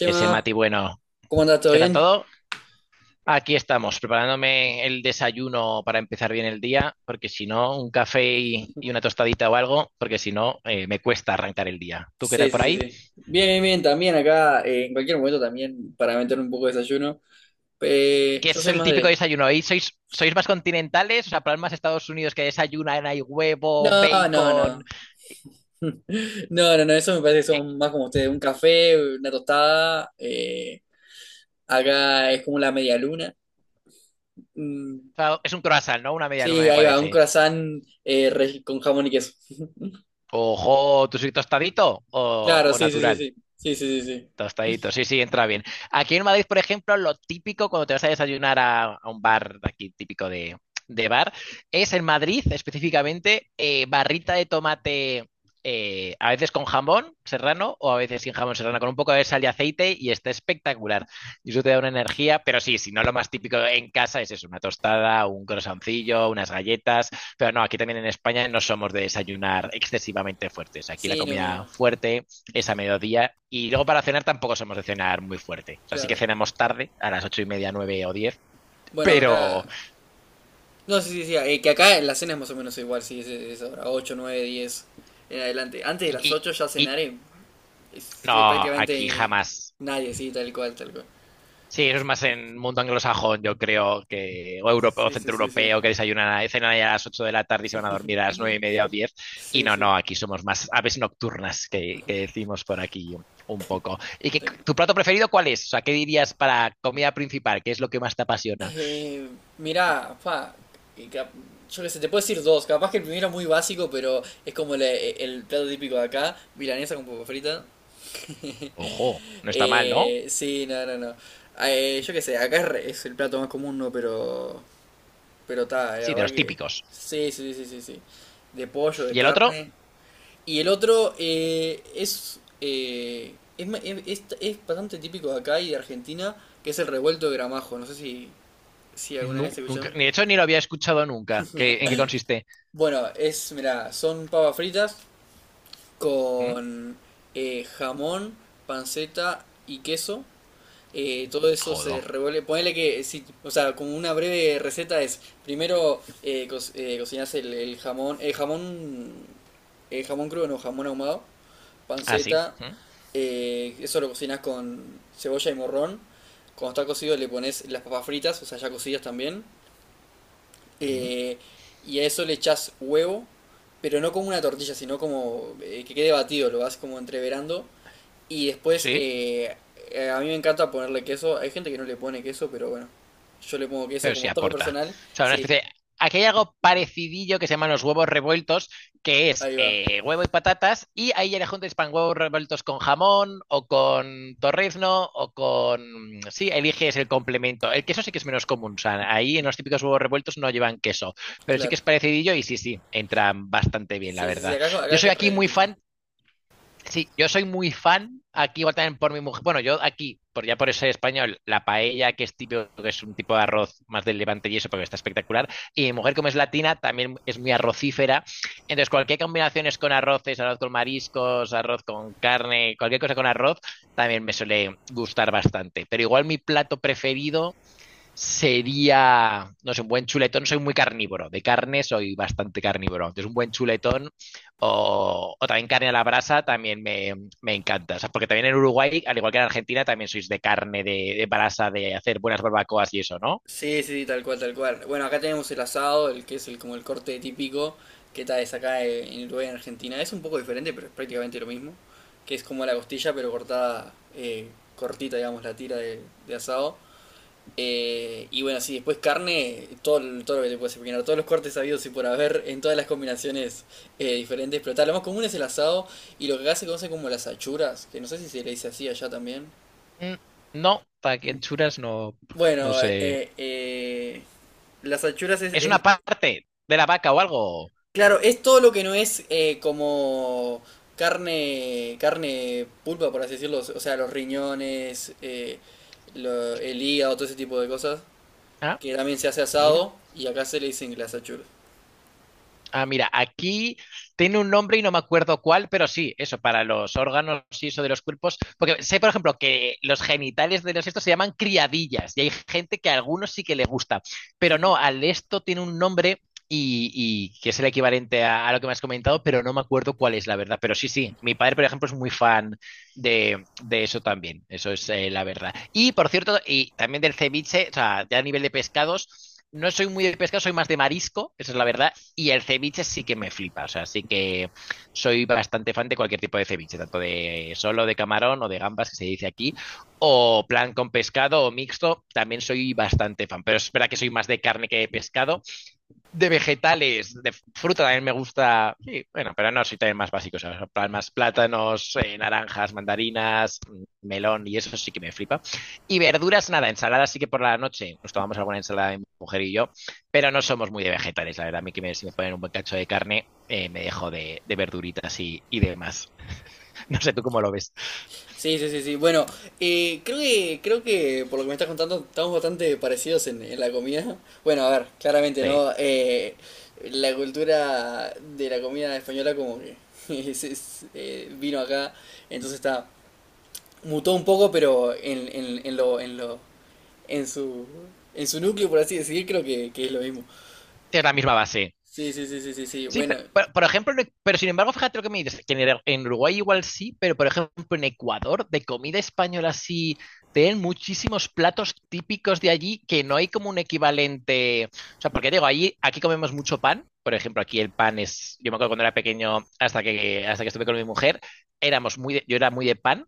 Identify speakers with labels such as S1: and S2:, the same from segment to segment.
S1: Ese Mati, bueno,
S2: ¿cómo andas? ¿Todo
S1: ¿qué tal
S2: bien?
S1: todo? Aquí estamos, preparándome el desayuno para empezar bien el día, porque si no, un café y una tostadita o algo, porque si no, me cuesta arrancar el día. ¿Tú qué
S2: Sí,
S1: tal
S2: sí,
S1: por
S2: sí,
S1: ahí?
S2: sí. Bien, bien, bien. También acá, en cualquier momento también para meter un poco de desayuno.
S1: ¿Qué
S2: Yo
S1: es
S2: soy
S1: el
S2: más
S1: típico
S2: de...
S1: desayuno ahí? ¿Sois más continentales? O sea, para más Estados Unidos que desayunan, hay huevo,
S2: No, no,
S1: bacon.
S2: no. No, no, no. Eso me parece que
S1: que-
S2: son más como ustedes. Un café, una tostada. Acá es como la media luna. Mm,
S1: o sea, es un croissant, ¿no? Una media luna,
S2: sí,
S1: me
S2: ahí va. Un
S1: parece.
S2: croissant con jamón y queso.
S1: Ojo, ¿tú sois tostadito o,
S2: Claro,
S1: o
S2: sí, sí, sí,
S1: natural?
S2: sí. Sí, sí, sí, sí.
S1: Tostadito, sí, sí, entra bien. Aquí en Madrid, por ejemplo, lo típico cuando te vas a desayunar a un bar de aquí típico de bar es en Madrid específicamente barrita de tomate, a veces con jamón serrano o a veces sin jamón serrano, con un poco de sal y aceite y está espectacular. Y eso te da una energía, pero sí, si no lo más típico en casa es eso, una tostada, un croissantillo, unas galletas, pero no, aquí también en España no somos de desayunar excesivamente fuertes. Aquí la
S2: Sí, no, no.
S1: comida fuerte es a mediodía. Y luego para cenar tampoco somos de cenar muy fuerte. O sea, sí que
S2: Claro.
S1: cenamos tarde, a las 8:30, 9 o 10.
S2: Bueno,
S1: Pero.
S2: acá... No, sí, sí, sí. Que acá en la cena es más o menos igual, sí, es ahora 8, 9, 10 en adelante. Antes de las
S1: Y,
S2: 8 ya cenar
S1: y no, aquí
S2: prácticamente
S1: jamás.
S2: nadie, sí, tal cual, tal cual.
S1: Sí, eso es más en mundo anglosajón, yo creo que, o europeo,
S2: Sí, sí, sí, sí.
S1: centroeuropeo, que desayunan, cenan ahí a las 8 de la tarde y se van a dormir a las 9:30 o 10. Y
S2: Sí,
S1: no,
S2: sí.
S1: no, aquí somos más aves nocturnas que decimos por aquí un poco. ¿Y qué
S2: tal-
S1: tu plato preferido cuál es? O sea, ¿qué dirías para comida principal? ¿Qué es lo que más te apasiona?
S2: Eh, mirá, pa, que cap- yo qué sé, te puedo decir dos. Capaz que el primero es muy básico, pero es como el plato típico de acá, milanesa con papa frita.
S1: Ojo, no está mal, ¿no?
S2: Sí, no, no, no. Yo qué sé, acá es el plato más común, ¿no? Pero está,
S1: Sí,
S2: la
S1: de
S2: verdad
S1: los
S2: que.
S1: típicos.
S2: Sí, sí, sí, sí, sí. De pollo, de
S1: Y el otro,
S2: carne. Y el otro es, ma- es bastante típico de acá y de Argentina, que es el revuelto de gramajo. No sé si, si alguna
S1: no,
S2: vez
S1: nunca.
S2: escucharon.
S1: De hecho, ni lo había escuchado nunca. ¿En qué consiste?
S2: Bueno, es, mira, son papas fritas
S1: ¿Mm?
S2: con jamón, panceta y queso. Todo eso se
S1: Jodo.
S2: revuelve. Ponele que, si, o sea, como una breve receta es, primero cocinas el jamón, el jamón crudo, no, jamón ahumado,
S1: Así.
S2: panceta,
S1: Sí.
S2: eso lo cocinas con cebolla y morrón. Cuando está cocido le pones las papas fritas, o sea, ya cocidas también.
S1: ¿Mm?
S2: eh, y a eso le echas huevo, pero no como una tortilla, sino como que quede batido, lo vas como entreverando. Y después,
S1: Sí,
S2: a mí me encanta ponerle queso. Hay gente que no le pone queso, pero bueno, yo le pongo queso
S1: pero sí
S2: como toque
S1: aporta.
S2: personal.
S1: O sea, una especie
S2: Sí,
S1: de... Aquí hay algo parecidillo que se llaman los huevos revueltos, que es
S2: ahí va,
S1: huevo y patatas, y ahí ya le juntas pan huevos revueltos con jamón o con torrezno o con... Sí, eliges el complemento. El queso sí que es menos común, o sea, ahí en los típicos huevos revueltos no llevan queso, pero sí que
S2: claro.
S1: es parecidillo y sí, sí, entran bastante bien, la
S2: Sí, sí, sí,
S1: verdad.
S2: acá, acá
S1: Yo soy
S2: es
S1: aquí
S2: re
S1: muy
S2: típico.
S1: fan. Sí, yo soy muy fan aquí igual también por mi mujer. Bueno, yo aquí, por ya por eso soy español, la paella, que es típico, que es un tipo de arroz más del Levante y eso, porque está espectacular. Y mi mujer, como es latina, también es muy arrocífera. Entonces, cualquier combinación es con arroces, arroz con mariscos, arroz con carne, cualquier cosa con arroz, también me suele gustar bastante. Pero igual mi plato preferido sería, no sé, un buen chuletón, soy muy carnívoro, de carne soy bastante carnívoro, entonces un buen chuletón o también carne a la brasa también me encanta, o sea, porque también en Uruguay, al igual que en Argentina, también sois de carne, de brasa, de hacer buenas barbacoas y eso, ¿no?
S2: Sí, sí, sí, tal cual, tal cual. Bueno, acá tenemos el asado, el que es el, como el corte típico, que tal es acá en Uruguay, en Argentina. Es un poco diferente, pero es prácticamente lo mismo. Que es como la costilla, pero cortada, cortita, digamos, la tira de asado. Y bueno, sí, después carne, todo, todo lo que te puedes imaginar, todos los cortes habidos y por haber en todas las combinaciones diferentes, pero tal, lo más común es el asado y lo que acá se conoce como las achuras, que no sé si se le dice así allá también.
S1: Mm. No, para que churas no, no
S2: Bueno,
S1: sé.
S2: las achuras
S1: ¿Es una
S2: es-
S1: parte de la vaca o algo?
S2: claro, es todo lo que no es como carne, carne pulpa, por así decirlo, o sea, los riñones, el hígado, todo ese tipo de cosas,
S1: Ah,
S2: que también se hace
S1: mira.
S2: asado y acá se le dicen las achuras.
S1: Ah, mira, aquí tiene un nombre y no me acuerdo cuál, pero sí, eso, para los órganos y eso de los cuerpos. Porque sé, por ejemplo, que los genitales de los estos se llaman criadillas y hay gente que a algunos sí que le gusta, pero no, al esto tiene un nombre y, y que es el equivalente a lo que me has comentado, pero no me acuerdo cuál es la verdad. Pero sí, sí, mi padre, por ejemplo, es muy fan de eso también, eso es la verdad. Y por cierto, y también del ceviche, o sea, ya a nivel de pescados. No soy muy de pescado, soy más de marisco, esa es la verdad. Y el ceviche sí que me flipa, o sea, sí que soy bastante fan de cualquier tipo de ceviche, tanto de solo de camarón o de gambas, que se dice aquí, o plan con pescado o mixto, también soy bastante fan, pero es verdad que soy más de carne que de pescado, de vegetales, de fruta también me gusta. Sí, bueno, pero no, soy también más básico. O sea, más plátanos, naranjas, mandarinas, melón y eso sí que me flipa. Y verduras, nada, ensaladas sí que por la noche nos tomamos alguna ensalada mi mujer y yo, pero no somos muy de vegetales, la verdad. A mí si me ponen un buen cacho de carne, me dejo de verduritas y demás. No sé tú cómo lo ves.
S2: Sí, sí, sí, sí. Bueno, creo que por lo que me estás contando, estamos bastante parecidos en la comida. Bueno, a ver, claramente,
S1: Sí.
S2: ¿no? La cultura de la comida española como que vino acá, entonces está, mutó un poco, pero en su, en su núcleo, por así decir, que es lo mismo.
S1: Es la misma base.
S2: Sí, sí, sí, sí, sí, sí.
S1: Sí,
S2: Bueno,
S1: pero, por ejemplo, pero sin embargo, fíjate lo que me dices, que en Uruguay igual sí, pero por ejemplo en Ecuador, de comida española sí, tienen muchísimos platos típicos de allí que no hay como un equivalente. O sea, porque digo, allí, aquí comemos mucho pan, por ejemplo, aquí el pan es, yo me acuerdo cuando era pequeño, hasta que estuve con mi mujer, éramos muy yo era muy de pan,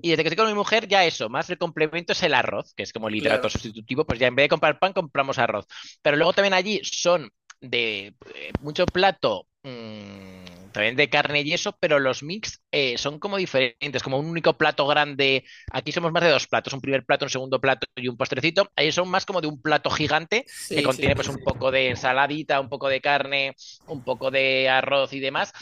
S1: y desde que estoy con mi mujer ya eso, más el complemento es el arroz, que es como el hidrato
S2: claro.
S1: sustitutivo, pues ya en vez de comprar pan compramos arroz. Pero luego también allí son de mucho plato, también de carne y eso, pero los mix son como diferentes, como un único plato grande. Aquí somos más de dos platos, un primer plato, un segundo plato y un postrecito. Ahí son más como de un plato gigante que
S2: Sí, sí, sí,
S1: contiene
S2: sí,
S1: pues un
S2: sí.
S1: poco de ensaladita, un poco de carne, un poco de arroz y demás.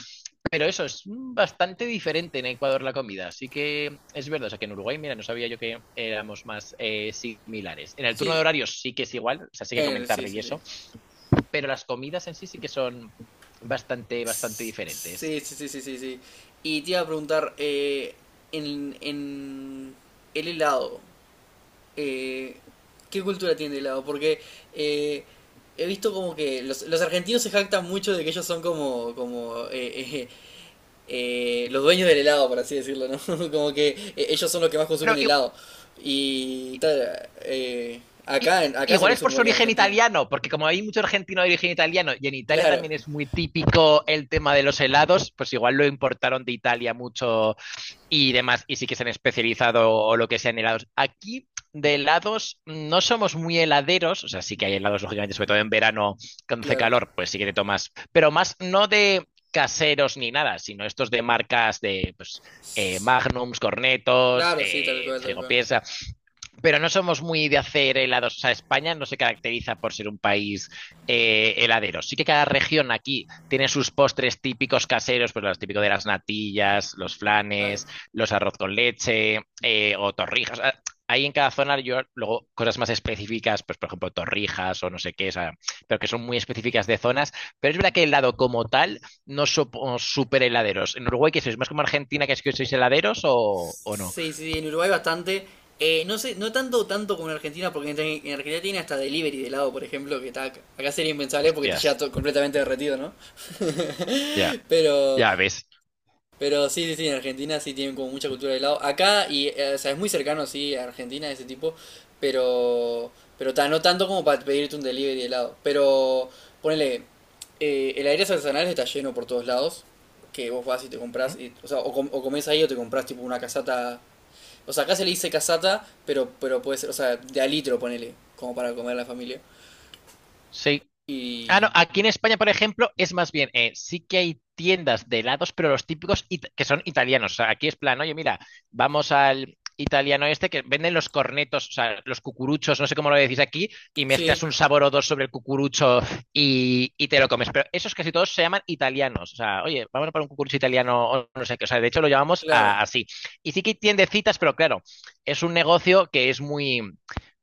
S1: Pero eso es bastante diferente en Ecuador la comida. Así que es verdad, o sea que en Uruguay, mira, no sabía yo que éramos más similares. En el turno de
S2: Sí,
S1: horarios sí que es igual, o sea, sí que comentar
S2: sí,
S1: y
S2: sí, sí.
S1: eso, pero las comidas en sí sí que son bastante, bastante diferentes.
S2: Sí, sí, sí, sí, sí, sí. Y te iba a preguntar, en el helado, eh, ¿qué cultura tiene el helado? Porque eh, he visto como que los argentinos se jactan mucho de que ellos son como, como los dueños del helado, por así decirlo, ¿no? Como que ellos son los que más
S1: Pero
S2: consumen helado. Y tal,
S1: i-
S2: acá se
S1: igual es
S2: consume
S1: por su
S2: igual que en
S1: origen
S2: Argentina.
S1: italiano, porque como hay mucho argentino de origen italiano y en Italia
S2: Claro,
S1: también es muy típico el tema de los helados, pues igual lo importaron de Italia mucho y demás, y sí que se han especializado o lo que sea en helados. Aquí de helados no somos muy heladeros, o sea, sí que hay helados, lógicamente, sobre todo en verano, cuando hace
S2: claro.
S1: calor, pues sí que te tomas, pero más no de caseros ni nada, sino estos de marcas de pues, Magnums, Cornetos,
S2: Claro, sí, tal cual, tal cual.
S1: Frigopiesa, pero no somos muy de hacer helados. O sea, España no se caracteriza por ser un país heladero. Sí que cada región aquí tiene sus postres típicos caseros, pues los típicos de las natillas, los
S2: Ay.
S1: flanes, los arroz con leche o torrijas. Ah, ahí en cada zona yo luego cosas más específicas, pues por ejemplo torrijas o no sé qué, o sea, pero que son muy específicas de zonas. Pero es verdad que el helado como tal no somos súper heladeros. ¿En Uruguay qué sois? ¿Más como Argentina que es que sois heladeros o no?
S2: Sí, sí, sí, en Uruguay bastante. No sé, no tanto tanto como en Argentina, porque en Argentina tiene hasta delivery de helado, por ejemplo, que está, acá sería impensable porque te llega
S1: Hostias,
S2: todo completamente derretido, ¿no?
S1: ya,
S2: Pero,
S1: ya ves.
S2: pero sí, sí, sí, en Argentina sí tienen como mucha cultura de helado. Acá, y, o sea, es muy cercano, sí, a Argentina, ese tipo, pero, pero ta, no tanto como para pedirte un delivery de helado. Pero, ponele, el aire artesanal está lleno por todos lados, que vos vas y te compras,
S1: Mm.
S2: y, o sea, o comes ahí o te compras tipo una casata, o sea, acá se le dice casata, pero puede ser, o sea, de a litro, ponele, como para comer a la familia.
S1: Sí. Ah, no,
S2: Y.
S1: aquí en España, por ejemplo, es más bien, sí que hay tiendas de helados, pero los típicos que son italianos. O sea, aquí es plan, oye, mira, vamos al italiano este que venden los cornetos, o sea, los cucuruchos, no sé cómo lo decís aquí, y
S2: Sí,
S1: mezclas un sabor o dos sobre el cucurucho y te lo comes. Pero esos casi todos se llaman italianos. O sea, oye, vamos para un cucurucho italiano o no sé qué. O sea, de hecho lo llamamos
S2: claro,
S1: así. Y sí que hay tiendecitas, pero claro, es un negocio que es muy...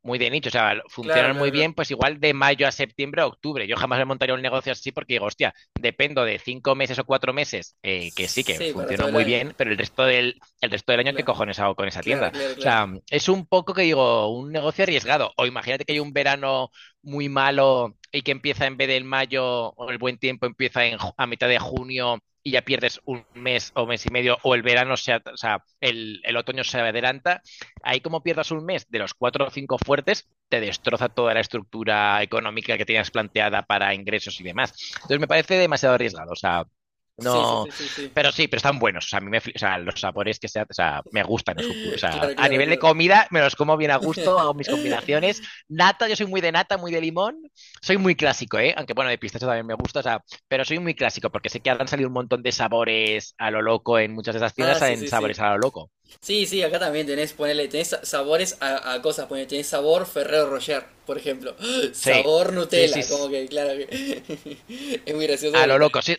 S1: muy de nicho, o sea,
S2: claro,
S1: funcionan
S2: claro,
S1: muy bien,
S2: claro.
S1: pues igual de mayo a septiembre a octubre. Yo jamás me montaría un negocio así porque digo, hostia, dependo de 5 meses o 4 meses, que sí, que
S2: Sí, para todo
S1: funcionó
S2: el
S1: muy
S2: año.
S1: bien, pero el resto del año, ¿qué
S2: Claro,
S1: cojones hago con esa
S2: claro,
S1: tienda? O
S2: claro, claro.
S1: sea, es un poco que digo, un negocio arriesgado. O imagínate que hay un verano muy malo y que empieza en vez del mayo o el buen tiempo, empieza en, a mitad de junio y ya pierdes un mes o mes y medio, o el verano, o sea, otoño se adelanta, ahí como pierdas un mes de los cuatro o cinco fuertes, te destroza toda la estructura económica que tenías planteada para ingresos y demás. Entonces me parece demasiado arriesgado, o sea,
S2: Sí, sí,
S1: no,
S2: sí, sí, sí.
S1: pero sí, pero están buenos. O sea, a mí me, o sea, los sabores o sea, me gustan los cucuruchos. O sea,
S2: Claro,
S1: a
S2: claro,
S1: nivel de
S2: claro.
S1: comida me los como bien a gusto, hago mis combinaciones. Nata, yo soy muy de nata, muy de limón. Soy muy clásico, ¿eh? Aunque bueno, de pistacho también me gusta, o sea, pero soy muy clásico porque sé que han salido un montón de sabores a lo loco en muchas de esas tiendas,
S2: Ah, sí,
S1: salen
S2: sí,
S1: sabores
S2: sí.
S1: a lo loco.
S2: Sí, sí, acá también tenés, ponele, tenés sabores a cosas, ponele, tenés sabor Ferrero Rocher, por ejemplo.
S1: Sí,
S2: Sabor
S1: sí, sí.
S2: Nutella, como que, claro que. Es muy gracioso
S1: A
S2: porque
S1: lo
S2: tal.
S1: loco. Sí,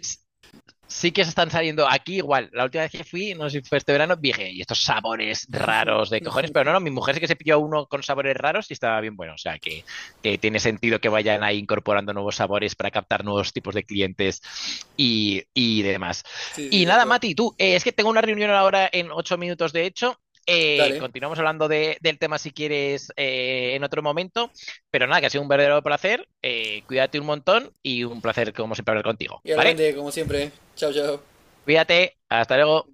S1: sí que se están saliendo aquí igual. La última vez que fui, no sé si fue este verano, dije, y estos sabores raros de cojones, pero no, no, mi mujer sí que se pilló uno con sabores raros y estaba bien bueno. O sea, que tiene sentido que vayan ahí incorporando nuevos sabores para captar nuevos tipos de clientes y demás.
S2: Sí, sí,
S1: Y
S2: tal
S1: nada,
S2: cual.
S1: Mati, tú, es que tengo una reunión ahora en 8 minutos, de hecho.
S2: Dale.
S1: Continuamos hablando del tema si quieres en otro momento, pero nada, que ha sido un verdadero placer. Cuídate un montón y un placer como siempre hablar contigo,
S2: Y
S1: ¿vale?
S2: obviamente, como siempre, chao chao.
S1: Cuídate, hasta luego.